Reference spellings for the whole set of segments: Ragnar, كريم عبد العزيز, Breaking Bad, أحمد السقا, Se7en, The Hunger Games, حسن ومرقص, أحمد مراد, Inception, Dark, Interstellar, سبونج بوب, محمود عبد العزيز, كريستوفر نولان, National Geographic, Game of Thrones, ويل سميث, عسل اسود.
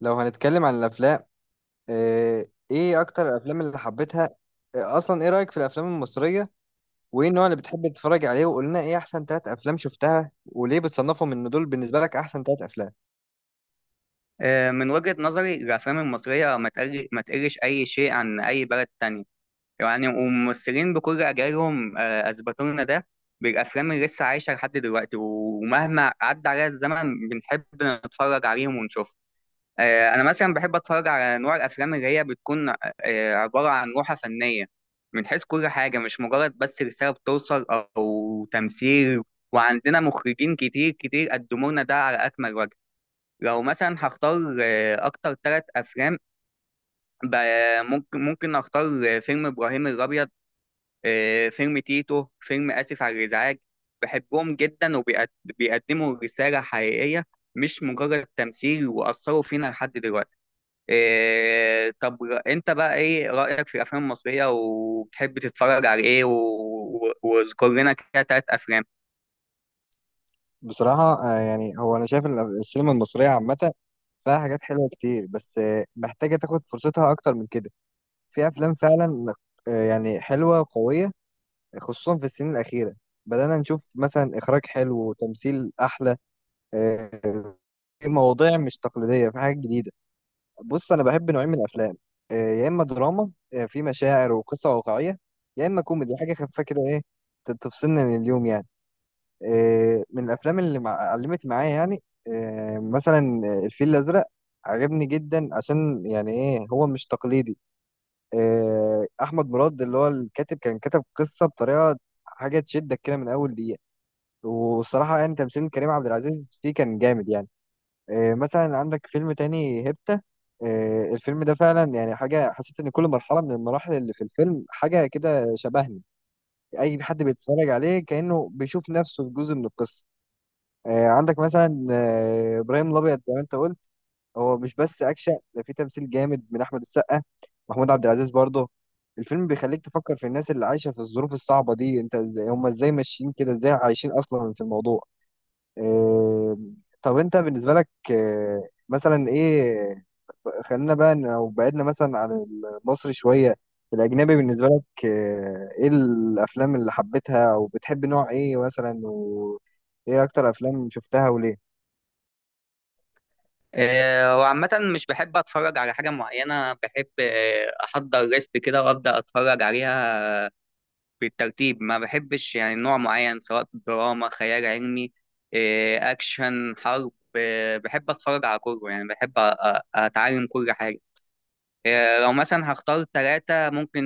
لو هنتكلم عن الافلام. ايه اكتر الافلام اللي حبيتها؟ اصلا ايه رايك في الافلام المصريه؟ وايه النوع اللي بتحب تتفرج عليه؟ وقول لنا ايه احسن ثلاث افلام شفتها وليه بتصنفهم ان دول بالنسبه لك احسن ثلاث افلام. من وجهة نظري الأفلام المصرية ما تقلش أي شيء عن أي بلد تانية. يعني والممثلين بكل أجيالهم أثبتوا لنا ده بالأفلام اللي لسه عايشة لحد دلوقتي، ومهما عدى عليها الزمن بنحب نتفرج عليهم ونشوفهم. أنا مثلا بحب أتفرج على نوع الأفلام اللي هي بتكون عبارة عن روحة فنية، من حيث كل حاجة، مش مجرد بس رسالة بتوصل أو تمثيل. وعندنا مخرجين كتير قدموا لنا ده على أكمل وجه. لو مثلا هختار اكتر ثلاث افلام، ممكن اختار فيلم ابراهيم الابيض، فيلم تيتو، فيلم اسف على الازعاج. بحبهم جدا وبيقدموا رسالة حقيقية، مش مجرد تمثيل، واثروا فينا لحد دلوقتي. طب انت بقى ايه رايك في الافلام المصرية، وبتحب تتفرج على ايه؟ واذكر لنا كده ثلاث افلام. بصراحه، يعني هو انا شايف السينما المصريه عامه فيها حاجات حلوه كتير، بس محتاجه تاخد فرصتها اكتر من كده. في افلام فعلا يعني حلوه وقويه، خصوصا في السنين الاخيره بدأنا نشوف مثلا إخراج حلو وتمثيل أحلى. آه، مواضيع مش تقليدية، في حاجات جديدة. بص، أنا بحب نوعين من الأفلام، يا إما دراما في مشاعر وقصة واقعية، يا إما كوميدي حاجة خفيفة كده، إيه، تفصلنا من اليوم يعني. من الأفلام اللي علمت معايا، يعني مثلا الفيل الأزرق. عجبني جدا، عشان يعني إيه، هو مش تقليدي. أحمد مراد اللي هو الكاتب كان كتب قصة بطريقة، حاجة تشدك كده من أول دقيقة، والصراحة يعني تمثيل كريم عبد العزيز فيه كان جامد يعني. مثلا عندك فيلم تاني، هيبتا. الفيلم ده فعلا يعني حاجة، حسيت إن كل مرحلة من المراحل اللي في الفيلم حاجة كده شبهني. أي حد بيتفرج عليه كأنه بيشوف نفسه في جزء من القصة. عندك مثلا إبراهيم الأبيض، زي ما أنت قلت. هو مش بس أكشن، ده فيه تمثيل جامد من أحمد السقا، محمود عبد العزيز برضه. الفيلم بيخليك تفكر في الناس اللي عايشة في الظروف الصعبة دي، أنت إزاي، هم إزاي ماشيين كده، إزاي عايشين أصلا في الموضوع. آه، طب أنت بالنسبة لك مثلا إيه؟ خلينا بقى لو بعدنا مثلا عن المصري شوية، الأجنبي بالنسبة لك، إيه الأفلام اللي حبيتها، أو بتحب نوع إيه مثلا، وإيه أكتر أفلام شفتها وليه؟ وعامة مش بحب أتفرج على حاجة معينة، بحب أحضر ليست كده وأبدأ أتفرج عليها بالترتيب. ما بحبش يعني نوع معين، سواء دراما، خيال علمي، أكشن، حرب، بحب أتفرج على كله. يعني بحب أتعلم كل حاجة. لو مثلا هختار ثلاثة، ممكن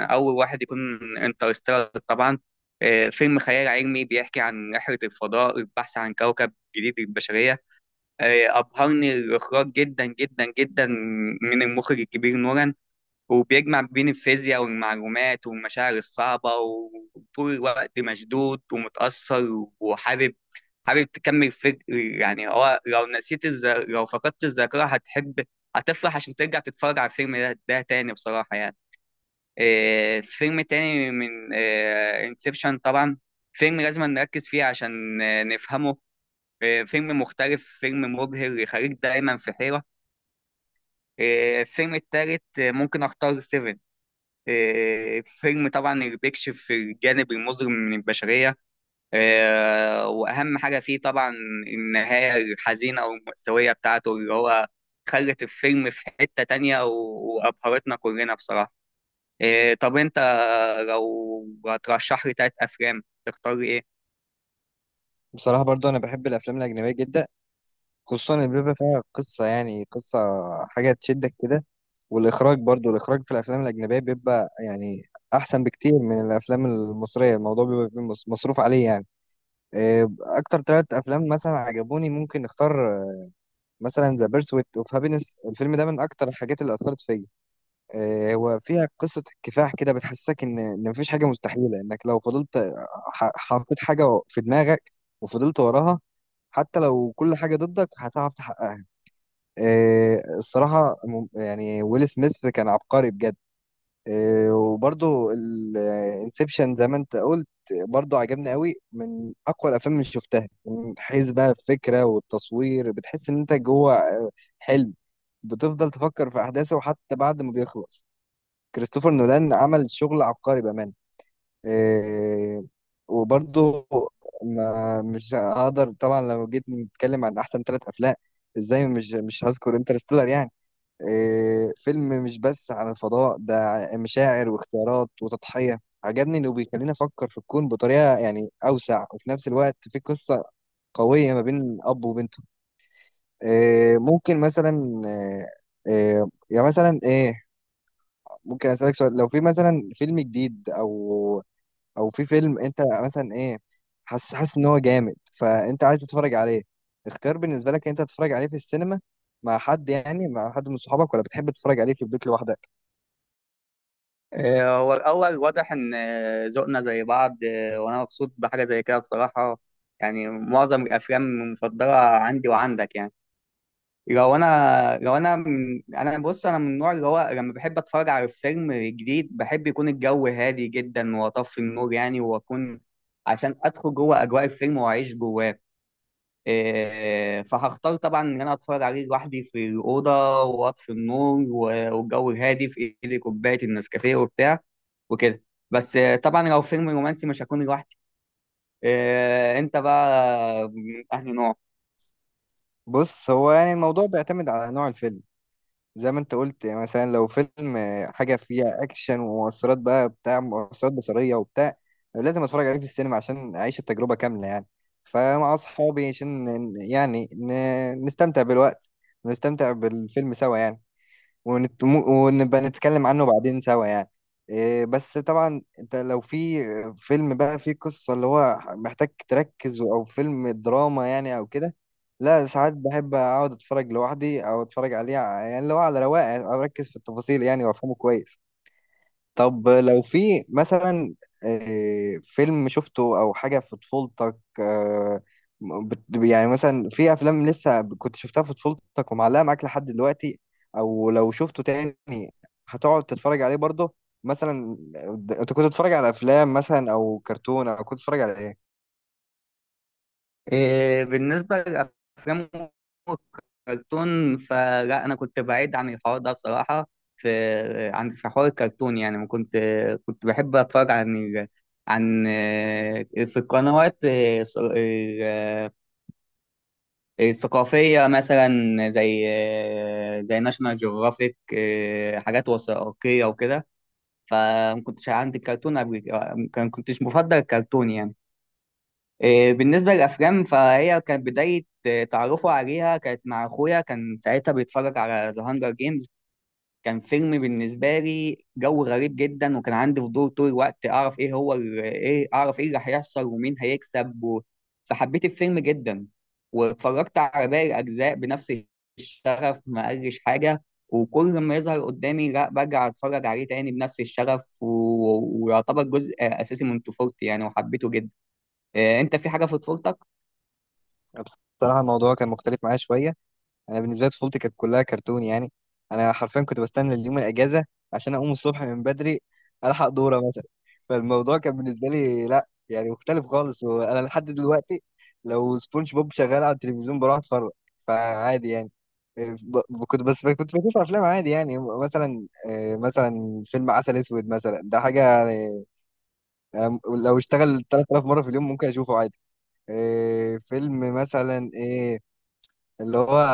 أول واحد يكون انترستيلر طبعا. فيلم خيال علمي بيحكي عن رحلة الفضاء، البحث عن كوكب جديد للبشرية. أبهرني الإخراج جدا جدا جدا، من المخرج الكبير نوران. وبيجمع بين الفيزياء والمعلومات والمشاعر الصعبة، وطول الوقت مشدود ومتأثر، وحابب تكمل. فكر يعني، هو لو لو فقدت الذاكرة هتحب، هتفرح عشان ترجع تتفرج على الفيلم ده تاني، بصراحة يعني. فيلم تاني من انسبشن طبعا، فيلم لازم نركز فيه عشان نفهمه. فيلم مختلف، فيلم مبهر، يخليك دايما في حيرة. الفيلم التالت ممكن أختار سيفن. فيلم طبعا اللي بيكشف الجانب المظلم من البشرية. وأهم حاجة فيه طبعا النهاية الحزينة أو المأساوية بتاعته، اللي هو خلت الفيلم في حتة تانية، وأبهرتنا كلنا بصراحة. طب أنت لو هترشح لي تلات أفلام تختار إيه؟ بصراحة برضو أنا بحب الأفلام الأجنبية جدا، خصوصا اللي بيبقى فيها قصة، يعني قصة، حاجة تشدك كده. والإخراج برضو، الإخراج في الأفلام الأجنبية بيبقى يعني أحسن بكتير من الأفلام المصرية. الموضوع بيبقى فيه مصروف عليه يعني. أكتر ثلاث أفلام مثلا عجبوني، ممكن نختار مثلا ذا بيرسويت اوف هابينس. الفيلم ده من اكتر الحاجات اللي اثرت فيا. هو فيها قصه كفاح كده، بتحسسك ان مفيش حاجه مستحيله. انك لو فضلت، حطيت حاجه في دماغك وفضلت وراها، حتى لو كل حاجه ضدك هتعرف تحققها. الصراحه يعني ويل سميث كان عبقري بجد. وبرضه الانسبشن زي ما انت قلت، برضه عجبني قوي، من اقوى الافلام اللي شفتها، من حيث بقى الفكره والتصوير. بتحس ان انت جوه حلم، بتفضل تفكر في احداثه حتى بعد ما بيخلص. كريستوفر نولان عمل شغل عبقري بامانه. إيه، وبرضه ما مش هقدر طبعا، لو جيت نتكلم عن احسن ثلاث افلام ازاي مش هذكر انترستيلر يعني. إيه، فيلم مش بس عن الفضاء، ده مشاعر واختيارات وتضحيه. عجبني انه بيخليني افكر في الكون بطريقه يعني اوسع، وفي نفس الوقت في قصه قويه ما بين اب وبنته. إيه، ممكن مثلا، إيه، إيه، يعني مثلا ايه، ممكن اسالك سؤال؟ لو في مثلا فيلم جديد، او او في فيلم انت مثلا ايه، حاسس حاسس ان هو جامد فانت عايز تتفرج عليه، اختيار بالنسبه لك انت تتفرج عليه في السينما مع حد يعني مع حد من صحابك، ولا بتحب تتفرج عليه في البيت لوحدك؟ الأول واضح إن ذوقنا زي بعض، وأنا مبسوط بحاجة زي كده بصراحة. يعني معظم الأفلام المفضلة عندي وعندك يعني. لو أنا لو أنا من أنا بص أنا من النوع اللي هو لما بحب أتفرج على فيلم جديد، بحب يكون الجو هادي جدا وأطفي النور، يعني وأكون عشان أدخل جوه أجواء الفيلم وأعيش جواه. إيه، فهختار طبعا ان انا اتفرج عليه لوحدي في الاوضه واطفي النور، والجو هادي، في ايدي كوبايه النسكافيه وبتاع وكده. بس طبعا لو فيلم رومانسي مش هكون لوحدي. إيه، انت بقى من انهي نوع؟ بص، هو يعني الموضوع بيعتمد على نوع الفيلم. زي ما انت قلت يعني، مثلا لو فيلم حاجه فيها اكشن ومؤثرات بقى، بتاع مؤثرات بصريه وبتاع، لازم اتفرج عليه في السينما عشان اعيش التجربه كامله يعني. فمع اصحابي عشان يعني نستمتع بالوقت ونستمتع بالفيلم سوا يعني، ونبقى نتكلم عنه بعدين سوا يعني. إيه، بس طبعا انت لو في فيلم بقى فيه قصة، اللي هو محتاج تركز، او فيلم دراما يعني او كده، لا ساعات بحب اقعد اتفرج لوحدي، او اتفرج عليه يعني اللي هو على رواقه، اركز في التفاصيل يعني وافهمه كويس. طب لو في مثلا فيلم شفته او حاجه في طفولتك، يعني مثلا في افلام لسه كنت شفتها في طفولتك ومعلقه معاك لحد دلوقتي، او لو شفته تاني هتقعد تتفرج عليه برضه؟ مثلا انت كنت بتتفرج على افلام مثلا او كرتون، او كنت بتتفرج على ايه؟ إيه، بالنسبه للافلام والكرتون فلا، انا كنت بعيد عن الحوار ده بصراحه. في عن في حوار الكرتون يعني ما كنت، كنت بحب اتفرج عن عن في القنوات ثقافية مثلا، زي زي ناشونال جيوغرافيك، حاجات وثائقية وكده. فما كنتش عندي الكرتون قبل، كان كنتش مفضل الكرتون يعني. إيه، بالنسبة للأفلام، فهي كانت بداية إيه، تعرفه عليها كانت مع أخويا، كان ساعتها بيتفرج على ذا هانجر جيمز. كان فيلم بالنسبة لي جو غريب جدا، وكان عندي فضول طول الوقت أعرف إيه هو ال- إيه أعرف إيه اللي هيحصل ومين هيكسب فحبيت الفيلم جدا، واتفرجت على باقي الأجزاء بنفس الشغف، ما قالش حاجة. وكل ما يظهر قدامي لا برجع أتفرج عليه تاني بنفس الشغف ويعتبر جزء أساسي من طفولتي يعني، وحبيته جدا. أنت في حاجة في طفولتك؟ بصراحه الموضوع كان مختلف معايا شويه. انا بالنسبه لي طفولتي كانت كلها كرتون يعني. انا حرفيا كنت بستنى اليوم الاجازه عشان اقوم الصبح من بدري، الحق دوره مثلا. فالموضوع كان بالنسبه لي لا يعني مختلف خالص، وانا لحد دلوقتي لو سبونج بوب شغال على التلفزيون بروح اتفرج، فعادي يعني. كنت بس كنت بشوف افلام عادي يعني. مثلا مثلا فيلم عسل اسود مثلا، ده حاجه يعني، أنا لو اشتغل 3000 مره في اليوم ممكن اشوفه عادي. فيلم مثلا إيه، اللي هو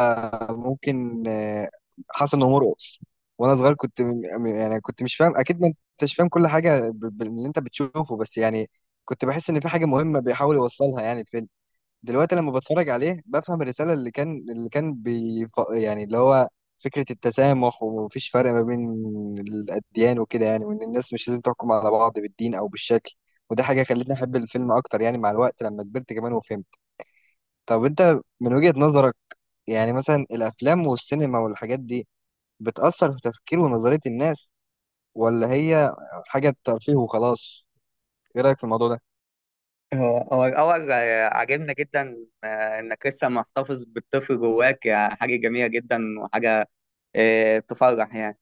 ممكن حسن ومرقص. وانا صغير كنت يعني كنت مش فاهم اكيد، ما انتش فاهم كل حاجه باللي انت بتشوفه، بس يعني كنت بحس ان في حاجه مهمه بيحاول يوصلها يعني الفيلم. دلوقتي لما بتفرج عليه بفهم الرساله اللي كان بي يعني، اللي هو فكره التسامح ومفيش فرق ما بين الاديان وكده يعني، وان الناس مش لازم تحكم على بعض بالدين او بالشكل. وده حاجه خلتني احب الفيلم اكتر يعني، مع الوقت لما كبرت كمان وفهمت. طب انت من وجهه نظرك يعني مثلا الافلام والسينما والحاجات دي، بتأثر في تفكير ونظرية الناس، ولا هي حاجة ترفيه وخلاص؟ ايه رأيك في الموضوع ده؟ هو الأول عاجبنا جدا إنك لسه محتفظ بالطفل جواك، حاجة جميلة جدا وحاجة تفرح يعني.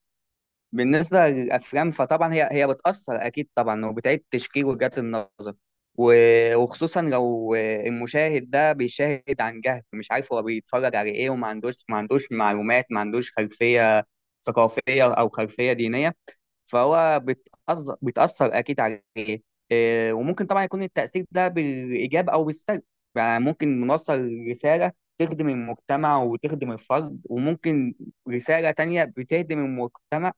بالنسبة للأفلام فطبعا هي بتأثر أكيد طبعا، وبتعيد تشكيل وجهات النظر. وخصوصا لو المشاهد ده بيشاهد عن جهل، مش عارف هو بيتفرج على إيه، وما عندوش معلومات، ما عندوش خلفية ثقافية أو خلفية دينية. فهو بتأثر أكيد عليه. إيه، وممكن طبعا يكون التأثير ده بالإيجاب أو بالسلب. يعني ممكن نوصل رسالة تخدم المجتمع وتخدم الفرد، وممكن رسالة تانية بتهدم المجتمع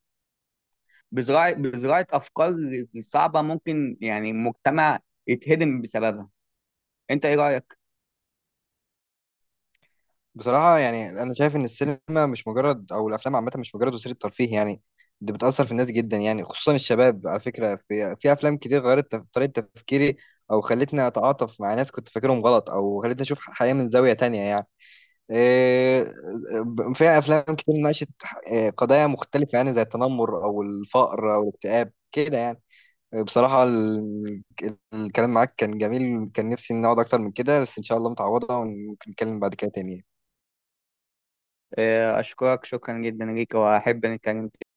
بزراعة أفكار صعبة، ممكن يعني مجتمع يتهدم بسببها. أنت إيه رأيك؟ بصراحة يعني انا شايف ان السينما مش مجرد، او الافلام عامة مش مجرد وسيلة ترفيه يعني. دي بتأثر في الناس جدا يعني، خصوصا الشباب. على فكرة في افلام كتير غيرت طريقة تفكيري، او خلتني اتعاطف مع ناس كنت فاكرهم غلط، او خلتني اشوف حياة من زاوية تانية يعني. آه، فيها افلام كتير ناقشت قضايا مختلفه يعني، زي التنمر او الفقر او الاكتئاب كده يعني. بصراحه الكلام معاك كان جميل، كان نفسي نقعد اكتر من كده، بس ان شاء الله متعوضه وممكن نتكلم بعد كده تاني يعني. أشكرك شكرا جدا ليك، وأحب نتكلم